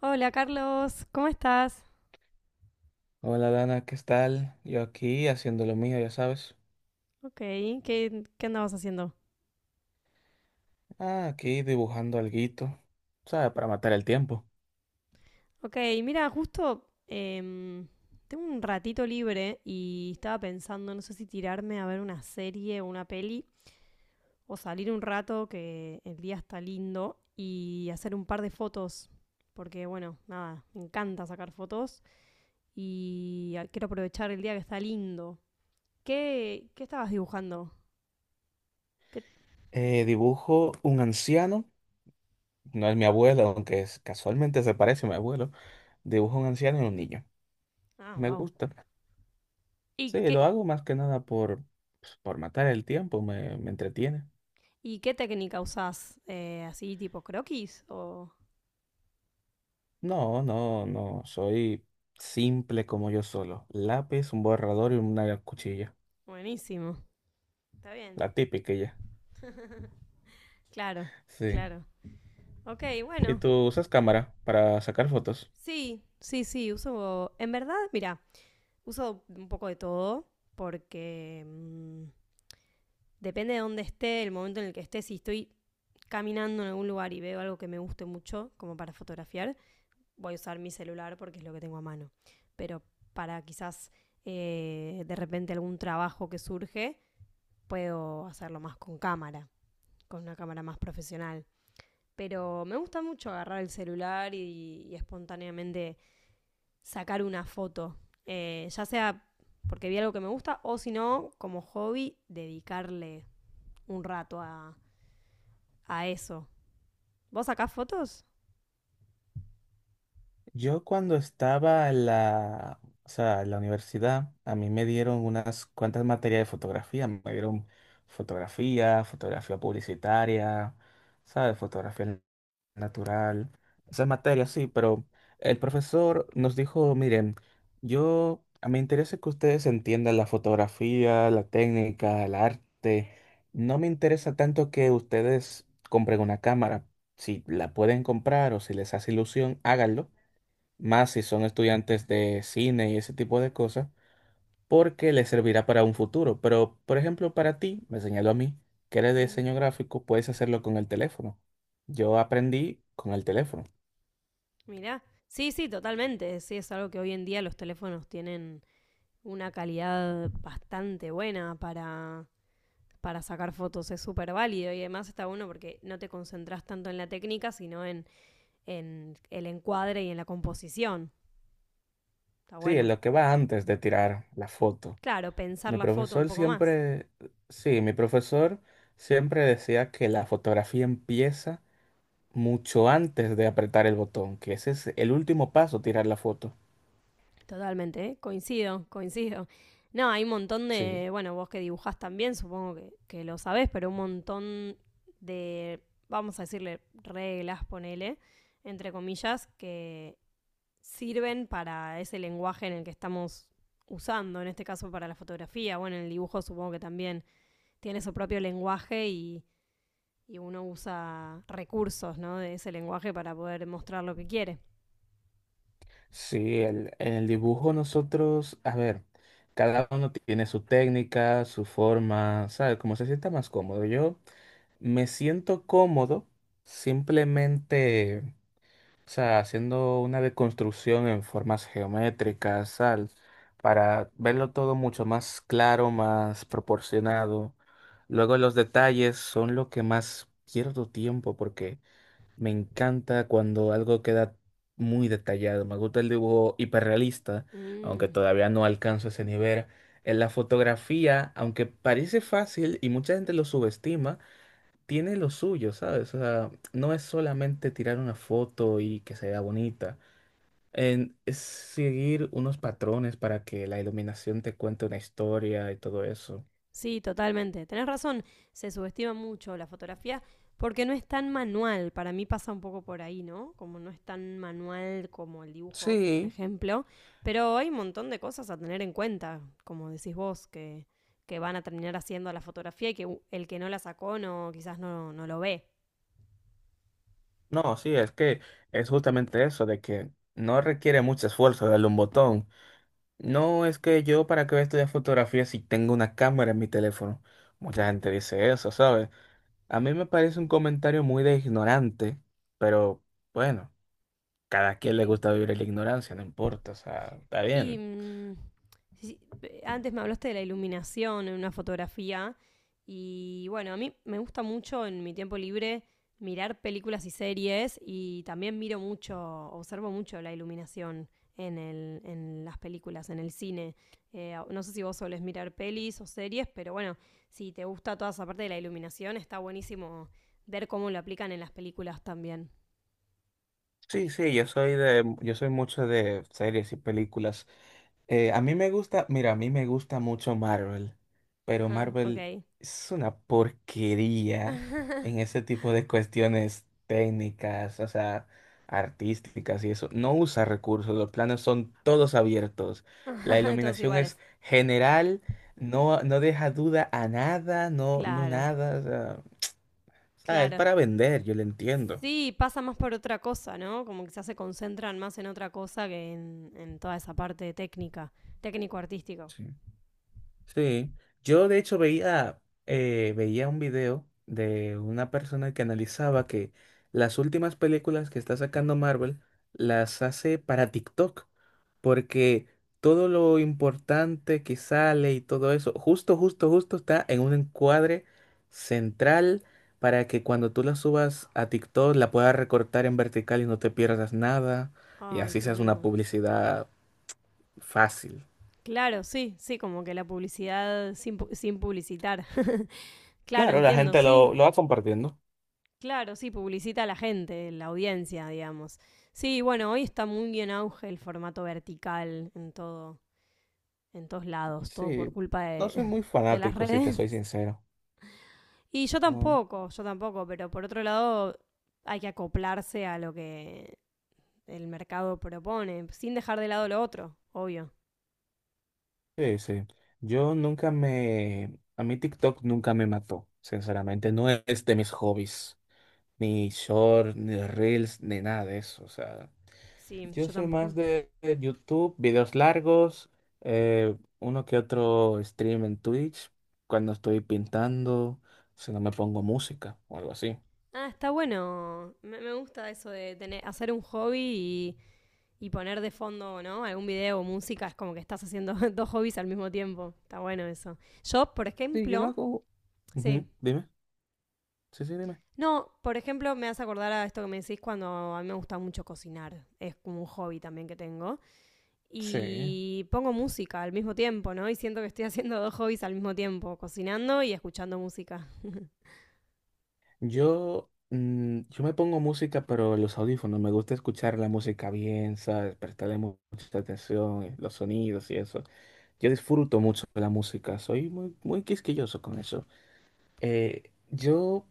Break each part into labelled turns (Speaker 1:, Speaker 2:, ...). Speaker 1: Hola Carlos, ¿cómo estás?
Speaker 2: Hola Dana, ¿qué tal? Yo aquí haciendo lo mío, ya sabes.
Speaker 1: Ok, ¿qué andabas haciendo?
Speaker 2: Ah, aquí dibujando alguito, ¿sabes? Para matar el tiempo.
Speaker 1: Ok, mira, justo tengo un ratito libre y estaba pensando, no sé si tirarme a ver una serie o una peli o salir un rato que el día está lindo y hacer un par de fotos. Porque bueno, nada, me encanta sacar fotos y quiero aprovechar el día que está lindo. ¿Qué estabas dibujando? ¿Qué-
Speaker 2: Dibujo un anciano, no es mi abuelo, aunque es- casualmente se parece a mi abuelo. Dibujo un anciano y un niño.
Speaker 1: Ah,
Speaker 2: Me
Speaker 1: wow.
Speaker 2: gusta.
Speaker 1: ¿Y
Speaker 2: Sí, lo
Speaker 1: qué,
Speaker 2: hago más que nada por, pues, por matar el tiempo, me entretiene.
Speaker 1: ¿Y qué técnica usás? ¿Así tipo croquis? O...
Speaker 2: No, no, no, soy simple como yo solo. Lápiz, un borrador y una cuchilla.
Speaker 1: Buenísimo. Está bien.
Speaker 2: La típica ya.
Speaker 1: Claro,
Speaker 2: Sí.
Speaker 1: claro. Ok,
Speaker 2: ¿Y
Speaker 1: bueno.
Speaker 2: tú usas cámara para sacar fotos?
Speaker 1: Sí, sí, sí, uso... En verdad, mira, uso un poco de todo porque depende de dónde esté, el momento en el que esté, si estoy caminando en algún lugar y veo algo que me guste mucho, como para fotografiar, voy a usar mi celular porque es lo que tengo a mano. Pero para quizás de repente algún trabajo que surge, puedo hacerlo más con cámara. Con una cámara más profesional. Pero me gusta mucho agarrar el celular y espontáneamente sacar una foto. Ya sea porque vi algo que me gusta o si no, como hobby, dedicarle un rato a eso. ¿Vos sacás fotos?
Speaker 2: Yo cuando estaba en o sea, en la universidad, a mí me dieron unas cuantas materias de fotografía. Me dieron fotografía, fotografía publicitaria, ¿sabes? Fotografía natural. Esas materias sí, pero el profesor nos dijo, miren, yo, a me interesa que ustedes entiendan la fotografía, la técnica, el arte. No me interesa tanto que ustedes compren una cámara. Si la pueden comprar o si les hace ilusión, háganlo más si son estudiantes de cine y ese tipo de cosas, porque les servirá para un futuro. Pero, por ejemplo, para ti, me señaló a mí, que eres de
Speaker 1: Mm.
Speaker 2: diseño gráfico, puedes hacerlo con el teléfono. Yo aprendí con el teléfono.
Speaker 1: Mirá. Sí, sí, totalmente. Sí, es algo que hoy en día los teléfonos tienen una calidad bastante buena para sacar fotos. Es súper válido y además está bueno porque no te concentras tanto en la técnica, sino en el encuadre y en la composición. Está
Speaker 2: Sí, es
Speaker 1: bueno.
Speaker 2: lo que va antes de tirar la foto.
Speaker 1: Claro, pensar
Speaker 2: Mi
Speaker 1: la foto un
Speaker 2: profesor
Speaker 1: poco más.
Speaker 2: siempre, sí, mi profesor siempre decía que la fotografía empieza mucho antes de apretar el botón, que ese es el último paso, tirar la foto.
Speaker 1: Totalmente, ¿eh? Coincido, coincido. No, hay un montón
Speaker 2: Sí.
Speaker 1: de, bueno, vos que dibujás también, supongo que lo sabés, pero un montón de, vamos a decirle, reglas, ponele, entre comillas, que sirven para ese lenguaje en el que estamos usando, en este caso para la fotografía, bueno, el dibujo supongo que también tiene su propio lenguaje y uno usa recursos ¿no? de ese lenguaje para poder mostrar lo que quiere.
Speaker 2: Sí, el- en el dibujo nosotros, a ver, cada uno tiene su técnica, su forma, ¿sabes? Como se sienta más cómodo. Yo me siento cómodo simplemente, o sea, haciendo una deconstrucción en formas geométricas, ¿sabes? Para verlo todo mucho más claro, más proporcionado. Luego los detalles son lo que más pierdo tiempo porque... Me encanta cuando algo queda muy detallado. Me gusta el dibujo hiperrealista, aunque
Speaker 1: Mm,
Speaker 2: todavía no alcanzo ese nivel. En la fotografía, aunque parece fácil y mucha gente lo subestima, tiene lo suyo, ¿sabes? O sea, no es solamente tirar una foto y que se vea bonita. En- es seguir unos patrones para que la iluminación te cuente una historia y todo eso.
Speaker 1: sí, totalmente. Tenés razón, se subestima mucho la fotografía porque no es tan manual. Para mí pasa un poco por ahí, ¿no? Como no es tan manual como el dibujo, por
Speaker 2: Sí,
Speaker 1: ejemplo. Pero hay un montón de cosas a tener en cuenta, como decís vos, que van a terminar haciendo la fotografía y que el que no la sacó no, quizás no, no lo ve.
Speaker 2: no, sí, es que es justamente eso, de que no requiere mucho esfuerzo darle un botón. No, es que yo para qué voy a estudiar fotografía si tengo una cámara en mi teléfono. Mucha gente dice eso, ¿sabes? A mí me parece un comentario muy de ignorante, pero bueno, cada quien le
Speaker 1: Sí.
Speaker 2: gusta vivir en la ignorancia, no importa, o sea, está
Speaker 1: Y
Speaker 2: bien.
Speaker 1: sí, sí, antes me hablaste de la iluminación en una fotografía. Y bueno, a mí me gusta mucho en mi tiempo libre mirar películas y series y también miro mucho, observo mucho la iluminación en las películas, en el cine. No sé si vos solés mirar pelis o series, pero bueno, si te gusta toda esa parte de la iluminación, está buenísimo ver cómo lo aplican en las películas también.
Speaker 2: Sí, sí, yo soy de, yo soy mucho de series y películas. A mí me gusta, mira, a mí me gusta mucho Marvel, pero
Speaker 1: Ah, ok.
Speaker 2: Marvel es una porquería en ese tipo de cuestiones técnicas, o sea, artísticas y eso. No usa recursos, los planos son todos abiertos, la
Speaker 1: Todos
Speaker 2: iluminación es
Speaker 1: iguales.
Speaker 2: general, no, no deja duda a nada, no, no
Speaker 1: Claro,
Speaker 2: nada, o sea, es
Speaker 1: claro.
Speaker 2: para vender, yo lo entiendo.
Speaker 1: Sí, pasa más por otra cosa, ¿no? Como quizás se concentran más en otra cosa que en toda esa parte técnica, técnico-artístico.
Speaker 2: Sí. Sí, yo de hecho veía, veía un video de una persona que analizaba que las últimas películas que está sacando Marvel las hace para TikTok, porque todo lo importante que sale y todo eso, justo, justo, justo está en un encuadre central para que cuando tú la subas a TikTok la puedas recortar en vertical y no te pierdas nada, y
Speaker 1: Ay,
Speaker 2: así seas una
Speaker 1: tremendo.
Speaker 2: publicidad fácil.
Speaker 1: Claro, sí, sí, como que la publicidad sin, pu- sin publicitar. Claro,
Speaker 2: Claro, la
Speaker 1: entiendo,
Speaker 2: gente
Speaker 1: sí.
Speaker 2: lo, lo va compartiendo.
Speaker 1: Claro, sí, publicita a la gente, la audiencia, digamos. Sí, bueno, hoy está muy en auge el formato vertical en todo, en todos lados, todo por
Speaker 2: Sí,
Speaker 1: culpa
Speaker 2: no
Speaker 1: de,
Speaker 2: soy muy
Speaker 1: de las
Speaker 2: fanático, si te soy
Speaker 1: redes.
Speaker 2: sincero.
Speaker 1: Y
Speaker 2: No,
Speaker 1: yo tampoco, pero por otro lado hay que acoplarse a lo que el mercado propone, sin dejar de lado lo otro, obvio.
Speaker 2: sí, sí. Yo nunca me... A mí TikTok nunca me mató, sinceramente. No es de mis hobbies. Ni short, ni reels, ni nada de eso. O sea,
Speaker 1: Sí,
Speaker 2: yo
Speaker 1: yo
Speaker 2: soy más
Speaker 1: tampoco.
Speaker 2: de YouTube, videos largos, uno que otro stream en Twitch, cuando estoy pintando, si no me pongo música o algo así.
Speaker 1: Ah, está bueno. Me gusta eso de tener, hacer un hobby y poner de fondo, ¿no? Algún video o música. Es como que estás haciendo dos hobbies al mismo tiempo. Está bueno eso. Yo, por
Speaker 2: Sí, yo lo
Speaker 1: ejemplo,
Speaker 2: hago.
Speaker 1: sí.
Speaker 2: Ujú, dime. Sí, sí, dime.
Speaker 1: No, por ejemplo, me hace acordar a esto que me decís cuando a mí me gusta mucho cocinar. Es como un hobby también que tengo.
Speaker 2: Sí.
Speaker 1: Y pongo música al mismo tiempo, ¿no? Y siento que estoy haciendo dos hobbies al mismo tiempo, cocinando y escuchando música.
Speaker 2: Yo, mm, yo me pongo música, pero en los audífonos. Me gusta escuchar la música bien, ¿sabes? Prestarle mucha atención, los sonidos y eso. Yo disfruto mucho de la música, soy muy, muy quisquilloso con eso. Yo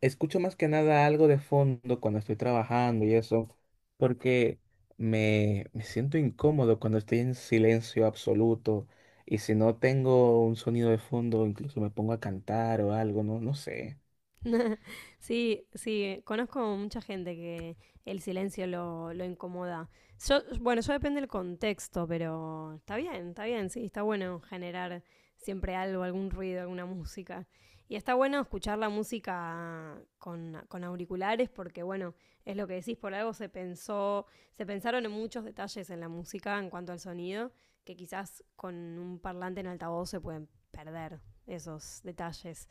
Speaker 2: escucho más que nada algo de fondo cuando estoy trabajando y eso, porque me siento incómodo cuando estoy en silencio absoluto. Y si no tengo un sonido de fondo, incluso me pongo a cantar o algo, no, no sé.
Speaker 1: Sí, sí, conozco mucha gente que el silencio lo incomoda. Yo, bueno, yo depende del contexto, pero está bien, sí, está bueno generar siempre algo, algún ruido, alguna música. Y está bueno escuchar la música con auriculares porque, bueno, es lo que decís, por algo se pensó, se pensaron en muchos detalles en la música en cuanto al sonido, que quizás con un parlante en altavoz se pueden perder esos detalles.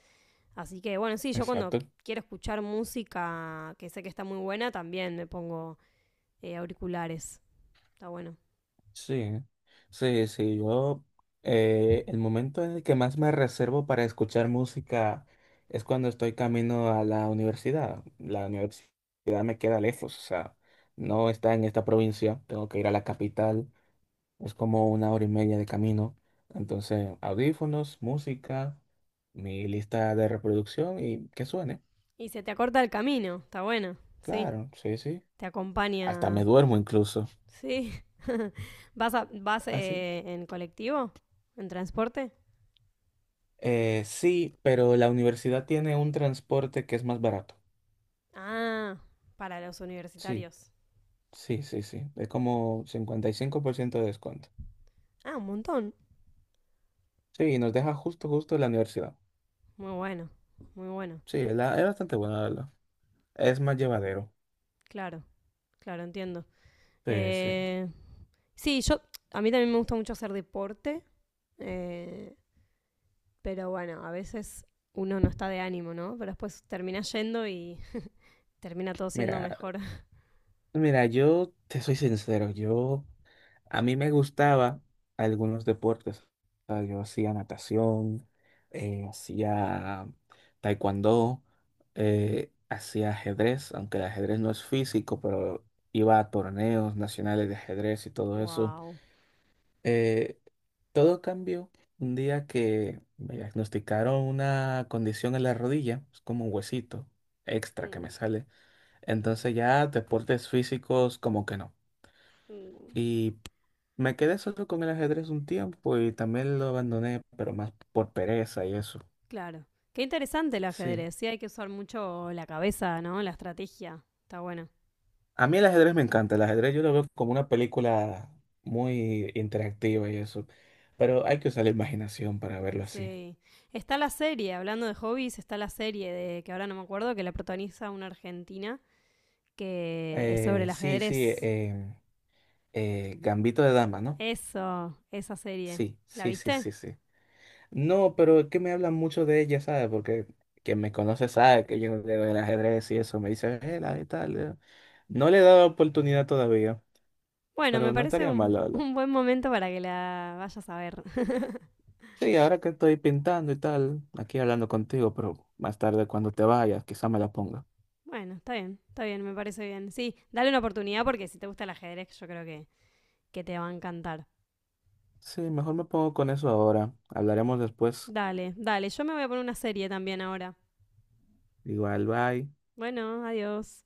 Speaker 1: Así que bueno, sí, yo cuando
Speaker 2: Exacto.
Speaker 1: quiero escuchar música que sé que está muy buena, también me pongo auriculares. Está bueno.
Speaker 2: Sí, sí, sí, yo el momento en el que más me reservo para escuchar música es cuando estoy camino a la universidad. La universidad me queda lejos, o sea, no está en esta provincia, tengo que ir a la capital, es como una hora y media de camino. Entonces, audífonos, música, mi lista de reproducción y que suene.
Speaker 1: Y se te acorta el camino, está bueno. Sí,
Speaker 2: Claro, sí, sí.
Speaker 1: te
Speaker 2: Hasta me
Speaker 1: acompaña.
Speaker 2: duermo incluso.
Speaker 1: Sí. ¿Vas, vas
Speaker 2: Así.
Speaker 1: en colectivo? ¿En transporte?
Speaker 2: Sí, pero la universidad tiene un transporte que es más barato.
Speaker 1: Ah, para los
Speaker 2: Sí,
Speaker 1: universitarios.
Speaker 2: sí, sí, sí. Es como 55% de descuento.
Speaker 1: Ah, un montón.
Speaker 2: Sí, y nos deja justo, justo la universidad.
Speaker 1: Muy bueno, muy bueno.
Speaker 2: Sí, es, es bastante buena, la verdad. Es más llevadero.
Speaker 1: Claro, claro, entiendo.
Speaker 2: Sí, sí.
Speaker 1: Eh, sí, yo, a mí también me gusta mucho hacer deporte. Eh, Pero bueno, a veces uno no está de ánimo, ¿no? Pero después termina yendo y termina todo siendo
Speaker 2: Mira,
Speaker 1: mejor.
Speaker 2: mira, yo te soy sincero, yo a mí me gustaba algunos deportes. O sea, yo hacía natación, hacía taekwondo, hacía ajedrez, aunque el ajedrez no es físico, pero iba a torneos nacionales de ajedrez y todo eso.
Speaker 1: ¡Wow!
Speaker 2: Eh, todo cambió un día que me diagnosticaron una condición en la rodilla, es como un huesito extra que
Speaker 1: Mm,
Speaker 2: me sale. Entonces ya deportes físicos como que no.
Speaker 1: mm.
Speaker 2: Y me quedé solo con el ajedrez un tiempo y también lo abandoné, pero más por pereza y eso.
Speaker 1: Claro. Qué interesante el
Speaker 2: Sí.
Speaker 1: ajedrez. Sí, hay que usar mucho la cabeza, ¿no? La estrategia. Está bueno.
Speaker 2: A mí el ajedrez me encanta. El ajedrez yo lo veo como una película muy interactiva y eso. Pero hay que usar la imaginación para verlo así.
Speaker 1: Sí. Está la serie, hablando de hobbies, está la serie de que ahora no me acuerdo, que la protagoniza una argentina, que es sobre
Speaker 2: Eh,
Speaker 1: el
Speaker 2: sí, sí.
Speaker 1: ajedrez.
Speaker 2: em, Gambito de Dama, ¿no?
Speaker 1: Eso, esa serie.
Speaker 2: Sí,
Speaker 1: ¿La
Speaker 2: sí, sí,
Speaker 1: viste?
Speaker 2: sí, sí. No, pero es que me hablan mucho de ella, ¿sabes? Porque quien me conoce sabe que yo leo el ajedrez y eso. Me dice, la de tal. No le he dado oportunidad todavía.
Speaker 1: Bueno,
Speaker 2: Pero
Speaker 1: me
Speaker 2: no
Speaker 1: parece
Speaker 2: estaría mal, la verdad.
Speaker 1: un buen momento para que la vayas a ver.
Speaker 2: Sí, ahora que estoy pintando y tal, aquí hablando contigo, pero más tarde cuando te vayas, quizá me la ponga.
Speaker 1: Bueno, está bien, me parece bien. Sí, dale una oportunidad porque si te gusta el ajedrez, yo creo que te va a encantar.
Speaker 2: Sí, mejor me pongo con eso ahora. Hablaremos después.
Speaker 1: Dale, dale, yo me voy a poner una serie también ahora.
Speaker 2: Igual, bye.
Speaker 1: Bueno, adiós.